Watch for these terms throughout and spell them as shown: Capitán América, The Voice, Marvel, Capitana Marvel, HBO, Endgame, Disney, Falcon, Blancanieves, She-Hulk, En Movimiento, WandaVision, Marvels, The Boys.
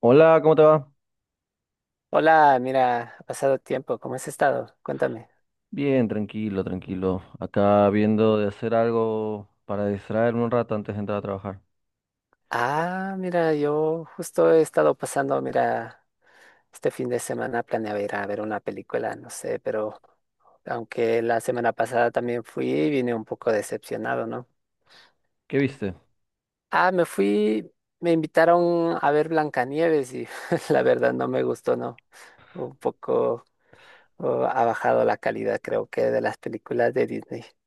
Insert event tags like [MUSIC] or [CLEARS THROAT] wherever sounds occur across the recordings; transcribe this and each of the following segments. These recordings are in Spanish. Hola, ¿cómo te va? Hola, mira, ha pasado tiempo, ¿cómo has estado? Cuéntame. Bien, tranquilo, tranquilo. Acá viendo de hacer algo para distraerme un rato antes de entrar a trabajar. Ah, mira, yo justo he estado pasando, mira, este fin de semana planeaba ir a ver una película, no sé, pero aunque la semana pasada también fui, vine un poco decepcionado, ¿no? ¿Qué viste? Ah, me fui, me invitaron a ver Blancanieves y [LAUGHS] la verdad no me gustó, ¿no? Un poco, oh, ha bajado la calidad, creo que, de las películas de Disney. [LAUGHS]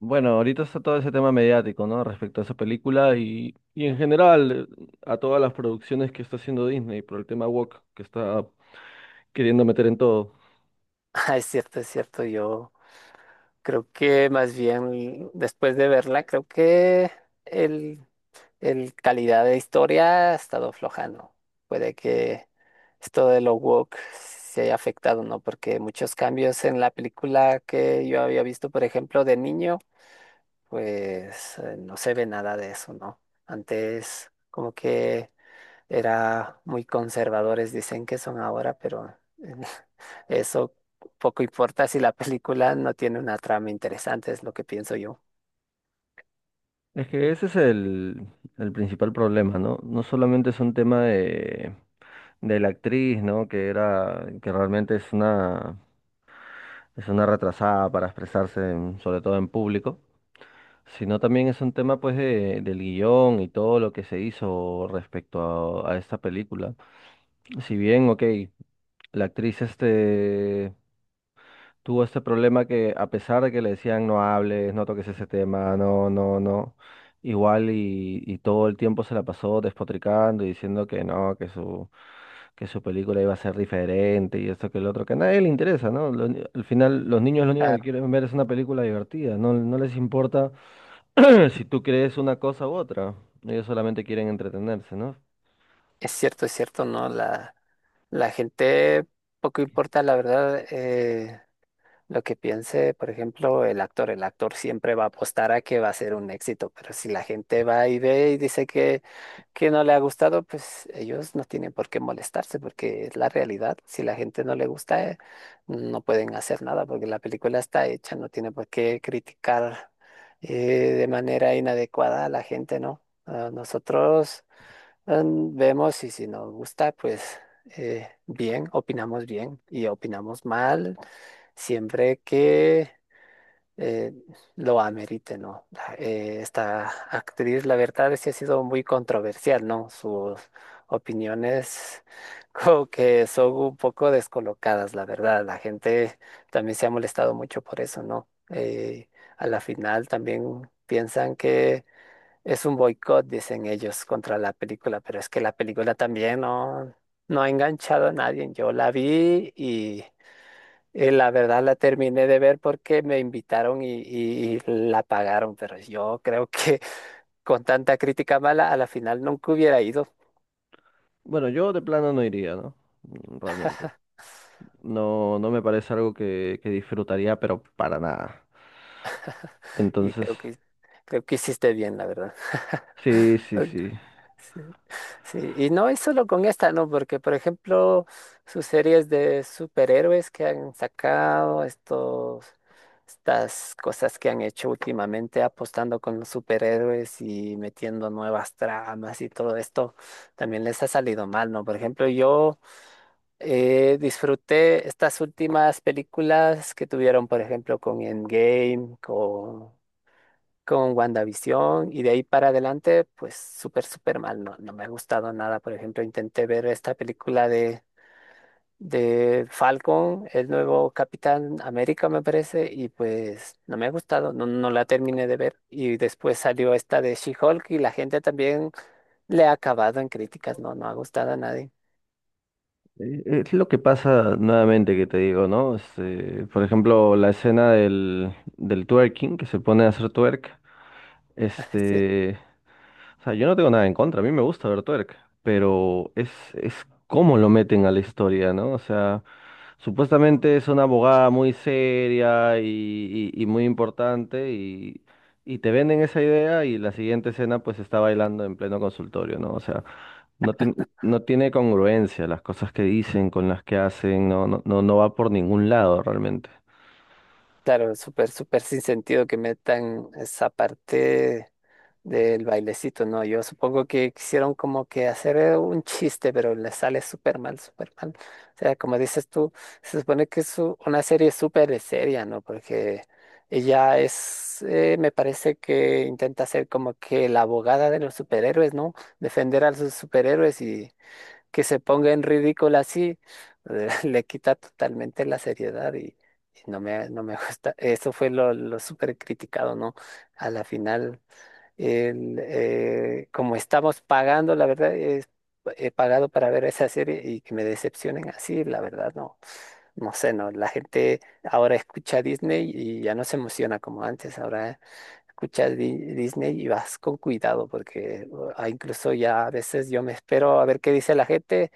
Bueno, ahorita está todo ese tema mediático, ¿no? Respecto a esa película y en general a todas las producciones que está haciendo Disney por el tema woke que está queriendo meter en todo. Ah, es cierto, yo. Creo que más bien después de verla, creo que el, el calidad de historia ha estado aflojando. Puede que esto de lo woke se haya afectado, ¿no? Porque muchos cambios en la película que yo había visto, por ejemplo, de niño, pues no se ve nada de eso, ¿no? Antes como que era muy conservadores, dicen que son ahora, pero [LAUGHS] eso poco importa si la película no tiene una trama interesante, es lo que pienso yo. Es que ese es el principal problema, ¿no? No solamente es un tema de la actriz, ¿no? Que era, que realmente es una retrasada para expresarse, sobre todo en público, sino también es un tema pues del guión y todo lo que se hizo respecto a esta película. Si bien, ok, la actriz este tuvo este problema que a pesar de que le decían no hables, no toques ese tema, no, no, no, igual y todo el tiempo se la pasó despotricando y diciendo que no, que su película iba a ser diferente y esto que el otro, que a nadie le interesa, ¿no? Al final los niños lo único Ah, que quieren ver es una película divertida, no, no les importa [CLEARS THROAT] si tú crees una cosa u otra, ellos solamente quieren entretenerse, ¿no? Es cierto, ¿no? La gente, poco importa, la verdad, lo que piense, por ejemplo, el actor siempre va a apostar a que va a ser un éxito, pero si la gente va y ve y dice que no le ha gustado, pues ellos no tienen por qué molestarse, porque es la realidad. Si la gente no le gusta, no pueden hacer nada, porque la película está hecha, no tiene por qué criticar eh, de manera inadecuada a la gente, ¿no? Ah, nosotros vemos y si nos gusta, pues bien, opinamos bien y opinamos mal siempre que eh, lo amerite, ¿no? Esta actriz, la verdad, sí ha sido muy controversial, ¿no? Sus opiniones [LAUGHS] como que son un poco descolocadas, la verdad. La gente también se ha molestado mucho por eso, ¿no? A la final también piensan que es un boicot, dicen ellos, contra la película, pero es que la película también no ha enganchado a nadie. Yo la vi y. La verdad la terminé de ver porque me invitaron y la pagaron, pero yo creo que [LAUGHS] con tanta crítica mala a la final nunca hubiera ido Bueno, yo de plano no iría, ¿no? Realmente no, no me parece algo que disfrutaría, pero para nada. y Entonces, creo que hiciste bien, la verdad. [LAUGHS] sí, sí, sí. Sí, sí, y no es solo con esta, ¿no? Porque, por ejemplo, sus series de superhéroes que han sacado, estas cosas que han hecho últimamente apostando con los superhéroes y metiendo nuevas tramas y todo esto, también les ha salido mal, ¿no? Por ejemplo, yo disfruté estas últimas películas que tuvieron, por ejemplo, con Endgame, con WandaVision y de ahí para adelante, pues súper, súper mal. No, no me ha gustado nada. Por ejemplo, intenté ver esta película de Falcon, el nuevo Capitán América, me parece, y pues no me ha gustado, no, no la terminé de ver. Y después salió esta de She-Hulk y la gente también le ha acabado en críticas, no, no ha gustado a nadie. Es lo que pasa nuevamente que te digo, ¿no? Este, por ejemplo, la escena del twerking, que se pone a hacer twerk, [LAUGHS] Sí, este, o sea, yo no tengo nada en contra, a mí me gusta ver twerk, pero es cómo lo meten a la historia, ¿no? O sea, supuestamente es una abogada muy seria y muy importante y te venden esa idea y la siguiente escena pues está bailando en pleno consultorio, ¿no? O sea, no tiene, no tiene congruencia las cosas que dicen con las que hacen, no, no, no, no va por ningún lado realmente. claro, súper, súper sin sentido que metan esa parte. Del bailecito, no, yo supongo que quisieron como que hacer un chiste, pero le sale súper mal, súper mal. O sea, como dices tú, se supone que es una serie súper seria, ¿no? Porque ella es, me parece que intenta ser como que la abogada de los superhéroes, ¿no? Defender a sus superhéroes y que se ponga en ridículo así, [LAUGHS] le quita totalmente la seriedad y no me [LAUGHS] gusta. Eso fue lo súper criticado, ¿no? A la final como estamos pagando, la verdad, he pagado para ver esa serie y que me decepcionen así, la verdad, no. No sé, no. La gente ahora escucha Disney y ya no se emociona como antes. Ahora escuchas Disney y vas con cuidado porque ah, incluso ya a veces yo me espero a ver qué dice la gente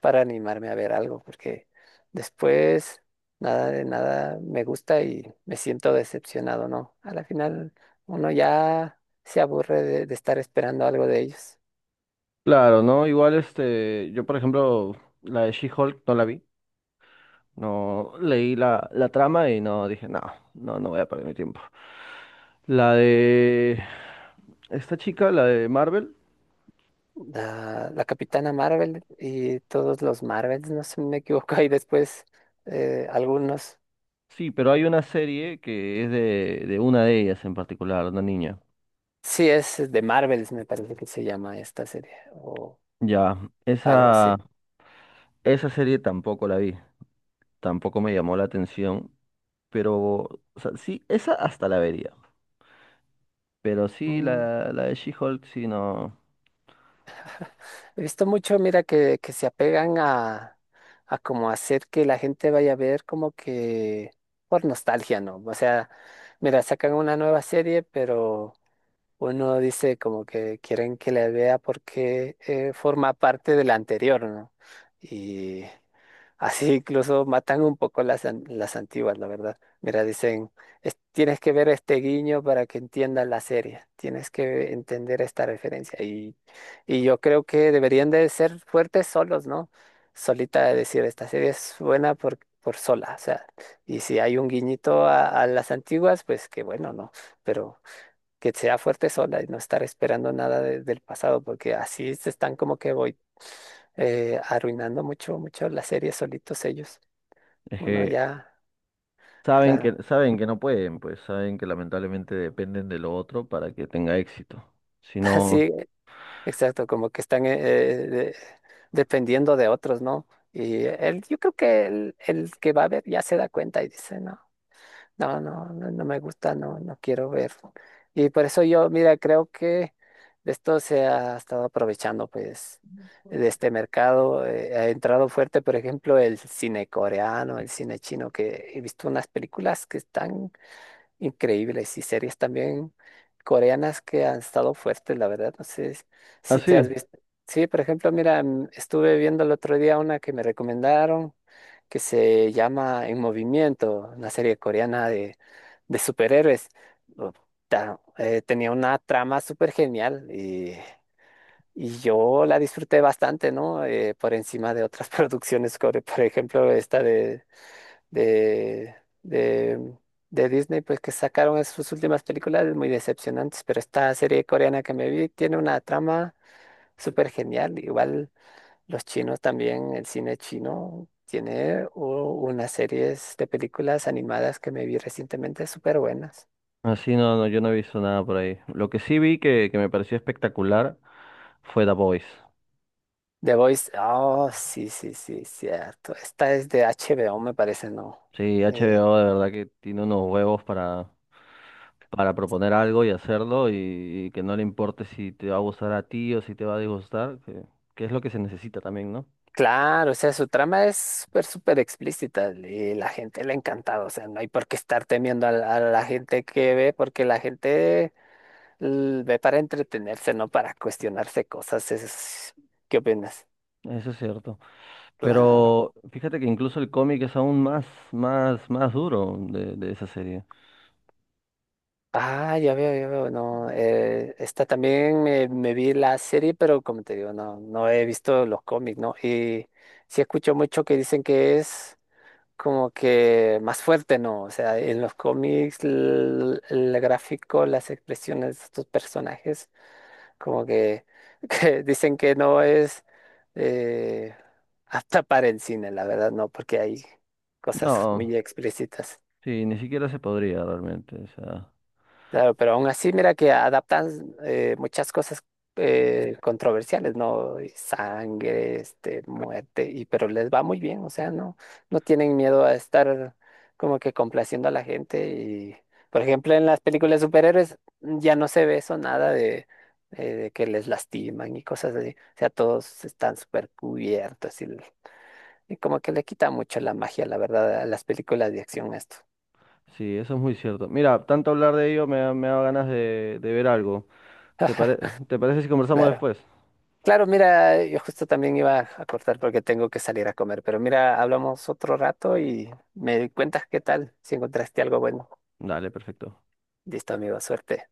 para animarme a ver algo, porque después nada de nada me gusta y me siento decepcionado, ¿no? A la final uno ya se aburre de estar esperando algo de ellos. Claro, ¿no? Igual este, yo por ejemplo, la de She-Hulk no la vi, no leí la trama y no dije, no, no, no voy a perder mi tiempo. La de esta chica, la de Marvel. La Capitana Marvel y todos los Marvels, no sé si me equivoco, y después algunos. Sí, pero hay una serie que es de una de ellas en particular, una niña. Sí, es de Marvels, me parece que se llama esta serie o Ya, algo esa, así. esa serie tampoco la vi, tampoco me llamó la atención, pero, o sea, sí, esa hasta la vería, pero sí, la de She-Hulk, sí, no, He visto mucho, mira, que se apegan a como hacer que la gente vaya a ver como que por nostalgia, ¿no? O sea, mira, sacan una nueva serie, pero uno dice como que quieren que la vea porque forma parte de la anterior, ¿no? Y así [LAUGHS] incluso matan un poco las antiguas, la verdad. Mira, dicen, Tienes que ver este guiño para que entiendas la serie, tienes que entender esta referencia". Y yo creo que deberían de ser fuertes solos, ¿no? Solita de decir, esta serie es buena por sola, o sea, y si hay un guiñito a las antiguas, pues qué bueno, ¿no? Pero que sea fuerte sola y no estar esperando nada del pasado, porque así se están como que voy arruinando mucho, mucho la serie solitos ellos. es Uno que ya, claro, saben que no pueden, pues saben que lamentablemente dependen de lo otro para que tenga éxito. [LAUGHS] Si no, así, exacto, como que están dependiendo de otros, ¿no? Y él, yo creo que el que va a ver ya se da cuenta y dice, no, no, no, no, no me gusta, no, no quiero ver. Y por eso yo, mira, creo que de esto se ha estado aprovechando, pues, de este mercado. Ha entrado fuerte, por ejemplo, el cine coreano, el cine chino, que he visto unas películas que están increíbles y series también coreanas que han estado fuertes, la verdad. No sé si te has así, visto. Sí, por ejemplo, mira, estuve viendo el otro día una que me recomendaron que se llama En Movimiento, una serie coreana de superhéroes. Oh, tenía una trama súper genial y yo la disfruté bastante, ¿no? Por encima de otras [LAUGHS] producciones, como por ejemplo esta de de, de, de Disney, pues que sacaron sus últimas películas muy decepcionantes, pero esta serie coreana que me vi tiene una trama súper genial. Igual los chinos también, el cine chino tiene unas series de películas animadas que me vi recientemente súper buenas. así no, no, yo no he visto nada por ahí. Lo que sí vi que me pareció espectacular fue The Boys. The Voice, oh, sí, sí, sí, cierto. Esta es de HBO, me parece, ¿no? Sí, Eh, HBO de verdad que tiene unos huevos para proponer algo y hacerlo y que no le importe si te va a gustar a ti o si te va a disgustar, que es lo que se necesita también, ¿no? Claro, o sea, su trama es súper, súper explícita y la gente le ha encantado, o sea, no hay por qué estar temiendo a la gente que ve, porque la gente ve para entretenerse, no para cuestionarse cosas. ¿Qué opinas? Eso es cierto. Claro. Pero fíjate que incluso el cómic es aún más, más, más duro de esa serie. Ah, ya veo, no, esta también me vi la serie, pero como te digo, no, no he visto los cómics, ¿no? Y sí escucho mucho que dicen que es como que más fuerte, ¿no? O sea, en los cómics, el, gráfico, las expresiones de estos personajes, como que, [LAUGHS] que dicen que no es eh, apta para el cine, la verdad, no, porque hay cosas No, muy explícitas. sí, ni siquiera se podría realmente. O sea, Claro, pero aún así, mira que adaptan muchas cosas controversiales, ¿no? Y sangre, muerte, y pero les va muy bien, o sea, no, no tienen miedo a estar como que complaciendo a la gente. Y, por ejemplo, en las películas de superhéroes ya no se ve eso nada de que les lastiman y cosas así. O sea, todos están súper cubiertos y como que le quita mucho la magia, la verdad, a las películas de acción esto. sí, eso es muy cierto. Mira, tanto hablar de ello me, me da ganas de ver algo. ¿Te pare- [LAUGHS] ¿Te parece si conversamos Claro. después? Claro, mira, yo justo también iba a cortar porque tengo que salir a comer, pero mira, hablamos otro rato y me cuentas qué tal, si encontraste algo bueno. Dale, perfecto. Listo, amigo, suerte.